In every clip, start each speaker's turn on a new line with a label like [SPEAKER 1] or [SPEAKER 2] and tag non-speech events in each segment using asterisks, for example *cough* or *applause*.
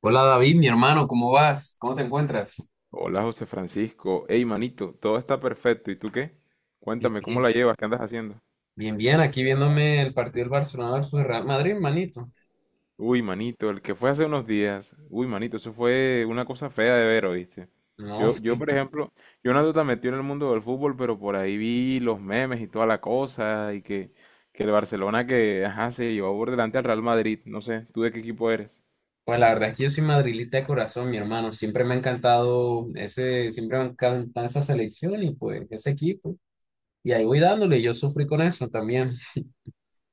[SPEAKER 1] Hola David, mi hermano, ¿cómo vas? ¿Cómo te encuentras?
[SPEAKER 2] Hola José Francisco. Hey manito, todo está perfecto. ¿Y tú qué?
[SPEAKER 1] Bien,
[SPEAKER 2] Cuéntame, ¿cómo
[SPEAKER 1] bien.
[SPEAKER 2] la llevas? ¿Qué andas haciendo?
[SPEAKER 1] Bien, bien, aquí viéndome el partido del Barcelona versus el Real Madrid, manito.
[SPEAKER 2] Uy, manito, el que fue hace unos días. Uy, manito, eso fue una cosa fea de ver, ¿oíste?
[SPEAKER 1] No, sí.
[SPEAKER 2] Por ejemplo, yo no ando tan metido en el mundo del fútbol, pero por ahí vi los memes y toda la cosa, que el Barcelona que, ajá, se llevó por delante al Real Madrid. No sé, ¿tú de qué equipo eres?
[SPEAKER 1] Pues la verdad es que yo soy madrilita de corazón, mi hermano. Siempre me ha encantado esa selección y pues ese equipo. Y ahí voy dándole, yo sufrí con eso también.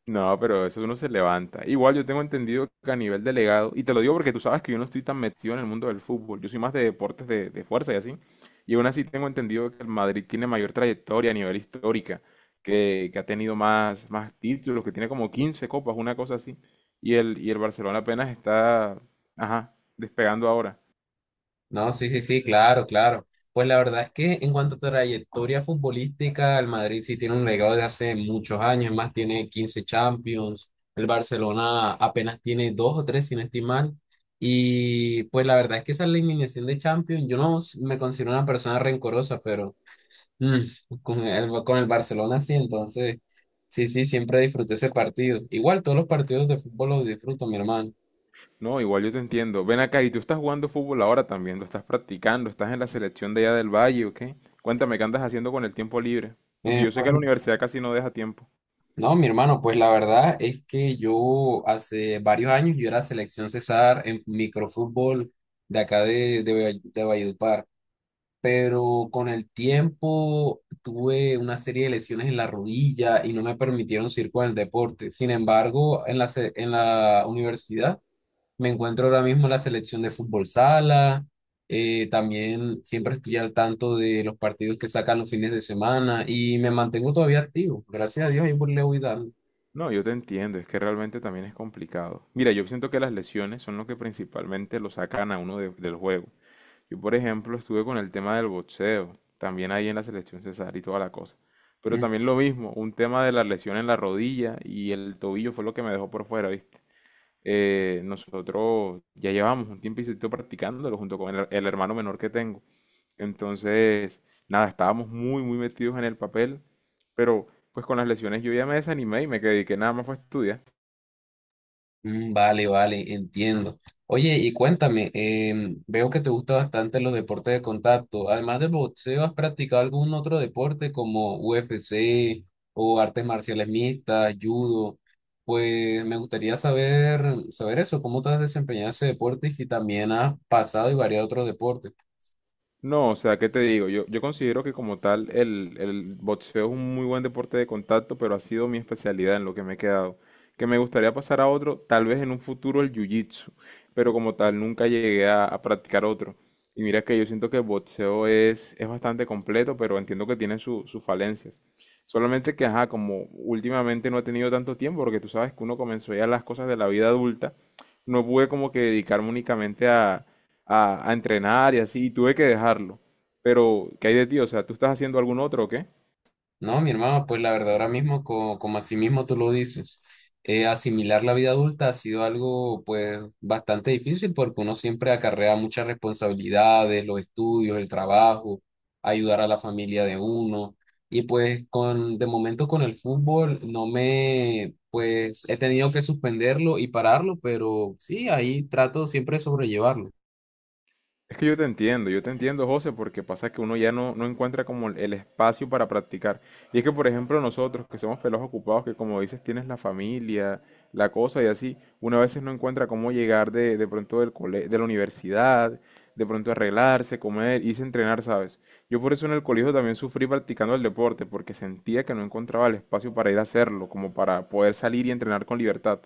[SPEAKER 2] No, pero eso uno se levanta. Igual yo tengo entendido que a nivel delegado, y te lo digo porque tú sabes que yo no estoy tan metido en el mundo del fútbol, yo soy más de deportes de fuerza y así, y aún así tengo entendido que el Madrid tiene mayor trayectoria a nivel histórica, que ha tenido más títulos, que tiene como 15 copas, una cosa así, y el Barcelona apenas está, ajá, despegando ahora.
[SPEAKER 1] No, sí, sí, sí, claro, claro. Pues la verdad es que en cuanto a trayectoria futbolística, el Madrid sí tiene un legado de hace muchos años, es más tiene 15 Champions, el Barcelona apenas tiene dos o tres, sin estimar. Y pues la verdad es que esa eliminación de Champions, yo no s- me considero una persona rencorosa, pero mm, *laughs* con el Barcelona sí, entonces sí, sí, siempre disfruté ese partido. Igual todos los partidos de fútbol los disfruto, mi hermano.
[SPEAKER 2] No, igual yo te entiendo. Ven acá, y tú estás jugando fútbol ahora también, lo estás practicando, estás en la selección de allá del Valle, ¿o qué? Cuéntame, ¿qué andas haciendo con el tiempo libre? Aunque
[SPEAKER 1] Eh,
[SPEAKER 2] yo sé
[SPEAKER 1] pues
[SPEAKER 2] que la universidad casi no deja tiempo.
[SPEAKER 1] No, mi hermano, pues la verdad es que yo hace varios años yo era selección César en microfútbol de acá de de Valledupar, pero con el tiempo tuve una serie de lesiones en la rodilla y no me permitieron seguir con el deporte. Sin embargo, en la universidad me encuentro ahora mismo en la selección de fútbol sala. También siempre estoy al tanto de los partidos que sacan los fines de semana y me mantengo todavía activo. Gracias a Dios, ahí le voy dando.
[SPEAKER 2] No, yo te entiendo, es que realmente también es complicado. Mira, yo siento que las lesiones son lo que principalmente lo sacan a uno de- del juego. Yo, por ejemplo, estuve con el tema del boxeo, también ahí en la selección Cesar y toda la cosa. Pero
[SPEAKER 1] Mm.
[SPEAKER 2] también lo mismo, un tema de la lesión en la rodilla y el tobillo fue lo que me dejó por fuera, ¿viste? Nosotros ya llevamos un tiempito practicándolo junto con el hermano menor que tengo. Entonces, nada, estábamos muy metidos en el papel, pero pues con las lesiones yo ya me desanimé y me dediqué nada más fue a estudiar.
[SPEAKER 1] Vale, vale, entiendo. Oye, y cuéntame, veo que te gusta bastante los deportes de contacto. Además del boxeo, ¿has practicado algún otro deporte como UFC o artes marciales mixtas, judo? Pues me gustaría saber, saber eso, cómo te has desempeñado en ese deporte y si también has pasado y variado otros deportes.
[SPEAKER 2] No, o sea, ¿qué te digo? Yo considero que como tal el boxeo es un muy buen deporte de contacto, pero ha sido mi especialidad en lo que me he quedado. Que me gustaría pasar a otro, tal vez en un futuro el jiu-jitsu, pero como tal nunca llegué a practicar otro. Y mira que yo siento que el boxeo es bastante completo, pero entiendo que tiene su- sus falencias. Solamente que, ajá, como últimamente no he tenido tanto tiempo, porque tú sabes que uno comenzó ya las cosas de la vida adulta, no pude como que dedicarme únicamente a a entrenar y así, y tuve que dejarlo. Pero, ¿qué hay de ti? O sea, ¿tú estás haciendo algún otro o qué?
[SPEAKER 1] No, mi hermano, pues la verdad ahora mismo, así mismo tú lo dices, asimilar la vida adulta ha sido algo pues bastante difícil porque uno siempre acarrea muchas responsabilidades, los estudios, el trabajo, ayudar a la familia de uno. Y pues de momento con el fútbol no me, pues he tenido que suspenderlo y pararlo, pero sí, ahí trato siempre de sobrellevarlo.
[SPEAKER 2] Es que yo te entiendo, José, porque pasa que uno ya no encuentra como el espacio para practicar. Y es que, por ejemplo, nosotros que somos pelos ocupados, que como dices, tienes la familia, la cosa y así, uno a veces no encuentra cómo llegar de pronto del cole- de la universidad, de pronto arreglarse, comer, irse a entrenar, ¿sabes? Yo por eso en el colegio también sufrí practicando el deporte, porque sentía que no encontraba el espacio para ir a hacerlo, como para poder salir y entrenar con libertad.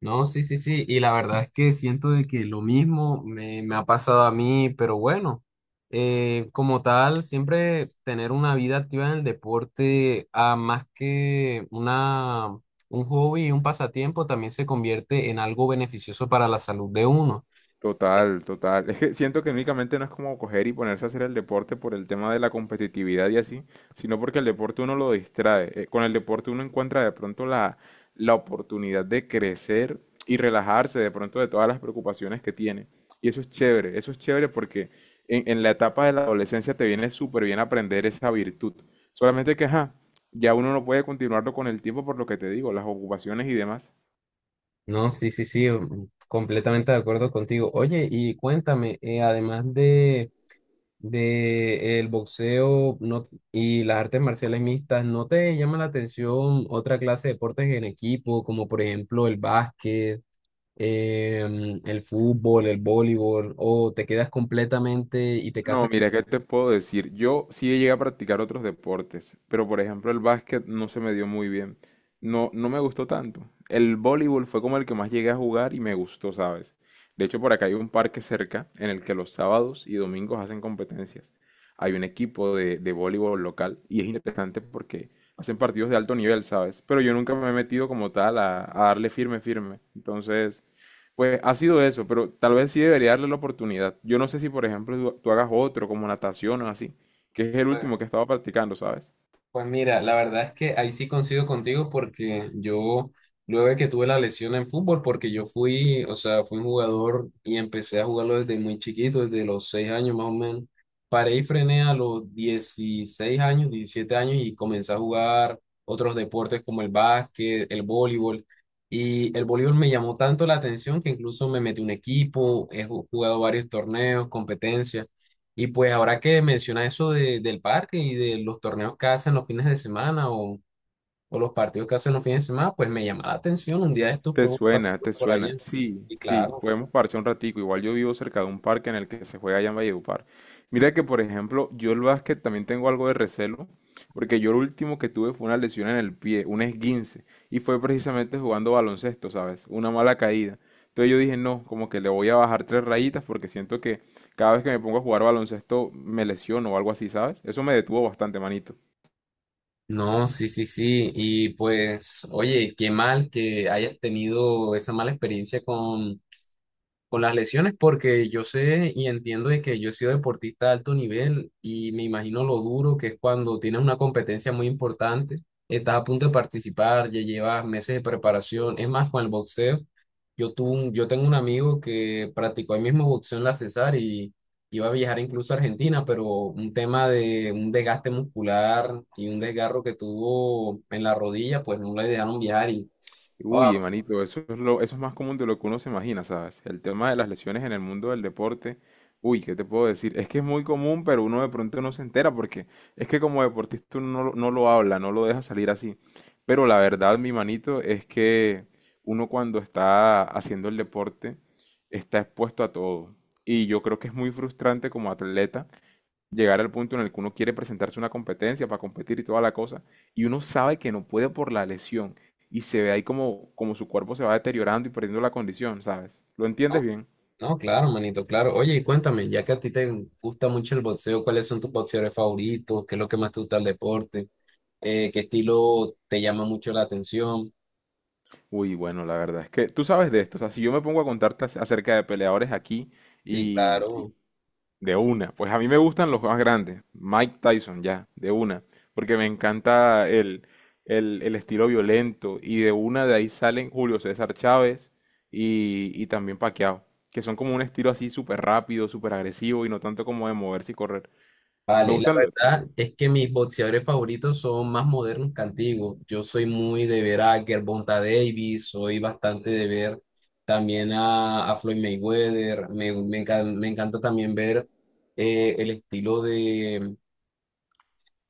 [SPEAKER 1] No, sí, sí, sí. Y la verdad es que siento de que lo mismo me ha pasado a mí, pero bueno, como tal, siempre tener una vida activa en el deporte, ah, un hobby y un pasatiempo, también se convierte en algo beneficioso para la salud de uno.
[SPEAKER 2] Total, total. Es que siento que únicamente no es como coger y ponerse a hacer el deporte por el tema de la competitividad y así, sino porque el deporte uno lo distrae. Con el deporte uno encuentra de pronto la oportunidad de crecer y relajarse de pronto de todas las preocupaciones que tiene. Y eso es chévere porque en la etapa de la adolescencia te viene súper bien aprender esa virtud. Solamente que, ajá, ya uno no puede continuarlo con el tiempo por lo que te digo, las ocupaciones y demás.
[SPEAKER 1] No, sí, sí, sí, mm, completamente de acuerdo contigo. Oye, y cuéntame, además de el boxeo no, y las artes marciales mixtas, ¿no te llama la atención otra clase de deportes en equipo, como por ejemplo el básquet, el fútbol, el voleibol, o te quedas completamente y te casas?
[SPEAKER 2] No, mira, ¿qué te puedo decir? Yo sí llegué a practicar otros deportes, pero por ejemplo el básquet no se me dio muy bien. No, no me gustó tanto. El voleibol fue como el que más llegué a jugar y me gustó, ¿sabes? De hecho, por acá hay un parque cerca en el que los sábados y domingos hacen competencias. Hay un equipo de voleibol local y es interesante porque hacen partidos de alto nivel, ¿sabes? Pero yo nunca me he metido como tal a darle firme, firme. Entonces, pues ha sido eso, pero tal vez sí debería darle la oportunidad. Yo no sé si, por ejemplo, tú hagas otro como natación o así, que es el último que estaba practicando, ¿sabes?
[SPEAKER 1] Pues mira, la verdad es que ahí sí coincido contigo porque luego de que tuve la lesión en fútbol, porque yo fui, o sea, fui un jugador y empecé a jugarlo desde muy chiquito, desde los 6 años más o menos. Paré y frené a los 16 años, 17 años y comencé a jugar otros deportes como el básquet, el voleibol. Y el voleibol me llamó tanto la atención que incluso me metí un equipo, jugado varios torneos, competencias. Y pues ahora que menciona eso del parque y de los torneos que hacen los fines de semana o los partidos que hacen los fines de semana, pues me llama la atención. Un día de estos
[SPEAKER 2] Te
[SPEAKER 1] podemos pasar
[SPEAKER 2] suena, te
[SPEAKER 1] por
[SPEAKER 2] suena.
[SPEAKER 1] allá.
[SPEAKER 2] Sí,
[SPEAKER 1] Y
[SPEAKER 2] sí,
[SPEAKER 1] claro.
[SPEAKER 2] podemos parchar un ratico. Igual yo vivo cerca de un parque en el que se juega allá en Valledupar. Mira que, por ejemplo, yo el básquet también tengo algo de recelo, porque yo lo último que tuve fue una lesión en el pie, un esguince, y fue precisamente jugando baloncesto, ¿sabes? Una mala caída. Entonces yo dije, no, como que le voy a bajar tres rayitas porque siento que cada vez que me pongo a jugar baloncesto me lesiono o algo así, ¿sabes? Eso me detuvo bastante, manito.
[SPEAKER 1] No, sí, sí, sí. Y pues, oye, qué mal que hayas tenido esa mala experiencia con las lesiones porque yo sé y entiendo de que yo he sido deportista de alto nivel y me imagino lo duro que es cuando tienes una competencia muy importante, estás a punto de participar, ya llevas meses de preparación, es más, con el boxeo. Yo tengo un amigo que practicó el mismo boxeo en la Cesar y iba a viajar incluso a Argentina, pero un tema de un desgaste muscular y un desgarro que tuvo en la rodilla, pues no le dejaron viajar y... Wow.
[SPEAKER 2] Uy, hermanito, eso es más común de lo que uno se imagina, ¿sabes? El tema de las lesiones en el mundo del deporte, uy, ¿qué te puedo decir? Es que es muy común, pero uno de pronto no se entera porque es que como deportista uno no, lo- no lo habla, no lo deja salir así. Pero la verdad, mi manito, es que uno cuando está haciendo el deporte está expuesto a todo. Y yo creo que es muy frustrante como atleta llegar al punto en el que uno quiere presentarse a una competencia para competir y toda la cosa, y uno sabe que no puede por la lesión, y se ve ahí como, como su cuerpo se va deteriorando y perdiendo la condición, ¿sabes? ¿Lo entiendes bien?
[SPEAKER 1] No, claro, manito, claro. Oye, y cuéntame, ya que a ti te gusta mucho el boxeo, ¿cuáles son tus boxeadores favoritos? ¿Qué es lo que más te gusta del deporte? ¿Qué estilo te llama mucho la atención?
[SPEAKER 2] Uy, bueno, la verdad es que tú sabes de esto, o sea, si yo me pongo a contarte ac- acerca de peleadores aquí.
[SPEAKER 1] Sí, claro.
[SPEAKER 2] De una, pues a mí me gustan los más grandes, Mike Tyson ya, de una, porque me encanta el estilo violento y de una de ahí salen Julio César Chávez y también Pacquiao, que son como un estilo así súper rápido, súper agresivo y no tanto como de moverse y correr. Me
[SPEAKER 1] Vale, la
[SPEAKER 2] gustan, lo-
[SPEAKER 1] verdad es que mis boxeadores favoritos son más modernos que antiguos. Yo soy muy de ver a Gervonta Davis, soy bastante de ver también a Floyd Mayweather. Me encanta también ver el estilo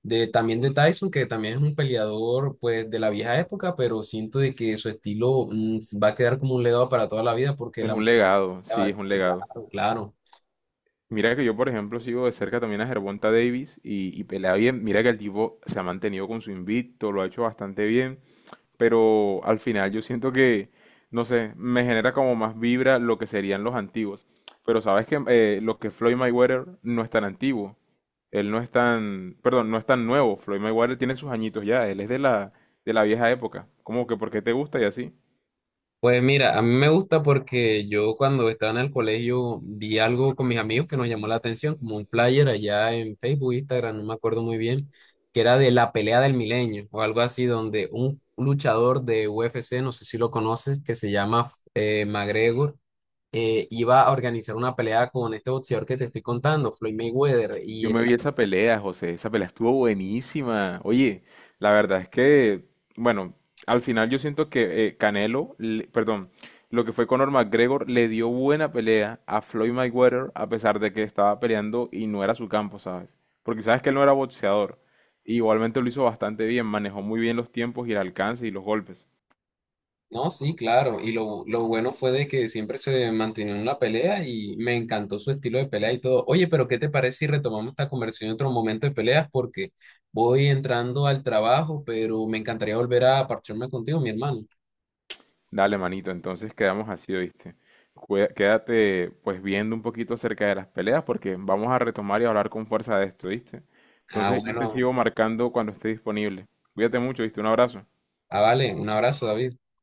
[SPEAKER 1] también de Tyson, que también es un peleador pues de la vieja época, pero siento de que su estilo va a quedar como un legado para toda la vida porque
[SPEAKER 2] es
[SPEAKER 1] la
[SPEAKER 2] un legado, sí, es
[SPEAKER 1] manera,
[SPEAKER 2] un
[SPEAKER 1] sí,
[SPEAKER 2] legado.
[SPEAKER 1] claro, claro.
[SPEAKER 2] Mira que yo, por ejemplo, sigo de cerca también a Gervonta Davis y pelea bien. Mira que el tipo se ha mantenido con su invicto, lo ha hecho bastante bien. Pero al final yo siento que, no sé, me genera como más vibra lo que serían los antiguos. Pero sabes que lo que Floyd Mayweather no es tan antiguo, él no es tan, perdón, no es tan nuevo. Floyd Mayweather tiene sus añitos ya, él es de de la vieja época. Como que porque te gusta y así.
[SPEAKER 1] Pues mira, a mí me gusta porque yo cuando estaba en el colegio vi algo con mis amigos que nos llamó la atención, como un flyer allá en Facebook, Instagram, no me acuerdo muy bien, que era de la pelea del milenio o algo así, donde un luchador de UFC, no sé si lo conoces, que se llama McGregor iba a organizar una pelea con este boxeador que te estoy contando, Floyd Mayweather,
[SPEAKER 2] Yo
[SPEAKER 1] y
[SPEAKER 2] me
[SPEAKER 1] esa...
[SPEAKER 2] vi esa pelea, José. Esa pelea estuvo buenísima. Oye, la verdad es que, bueno, al final yo siento que Canelo, le- perdón, lo que fue Conor McGregor le dio buena pelea a Floyd Mayweather a pesar de que estaba peleando y no era su campo, ¿sabes? Porque sabes que él no era boxeador. Igualmente lo hizo bastante bien, manejó muy bien los tiempos y el alcance y los golpes.
[SPEAKER 1] No, sí, claro. Lo bueno fue de que siempre se mantenía en la pelea y me encantó su estilo de pelea y todo. Oye, pero ¿qué te parece si retomamos esta conversación en otro momento de peleas? Porque voy entrando al trabajo, pero me encantaría volver a parcharme contigo, mi hermano.
[SPEAKER 2] Dale, manito, entonces quedamos así, ¿oíste? Cué- Quédate pues viendo un poquito acerca de las peleas porque vamos a retomar y hablar con fuerza de esto, ¿viste?
[SPEAKER 1] Ah,
[SPEAKER 2] Entonces yo te
[SPEAKER 1] bueno.
[SPEAKER 2] sigo marcando cuando esté disponible. Cuídate mucho, ¿viste? Un abrazo.
[SPEAKER 1] Ah, vale. Un abrazo, David.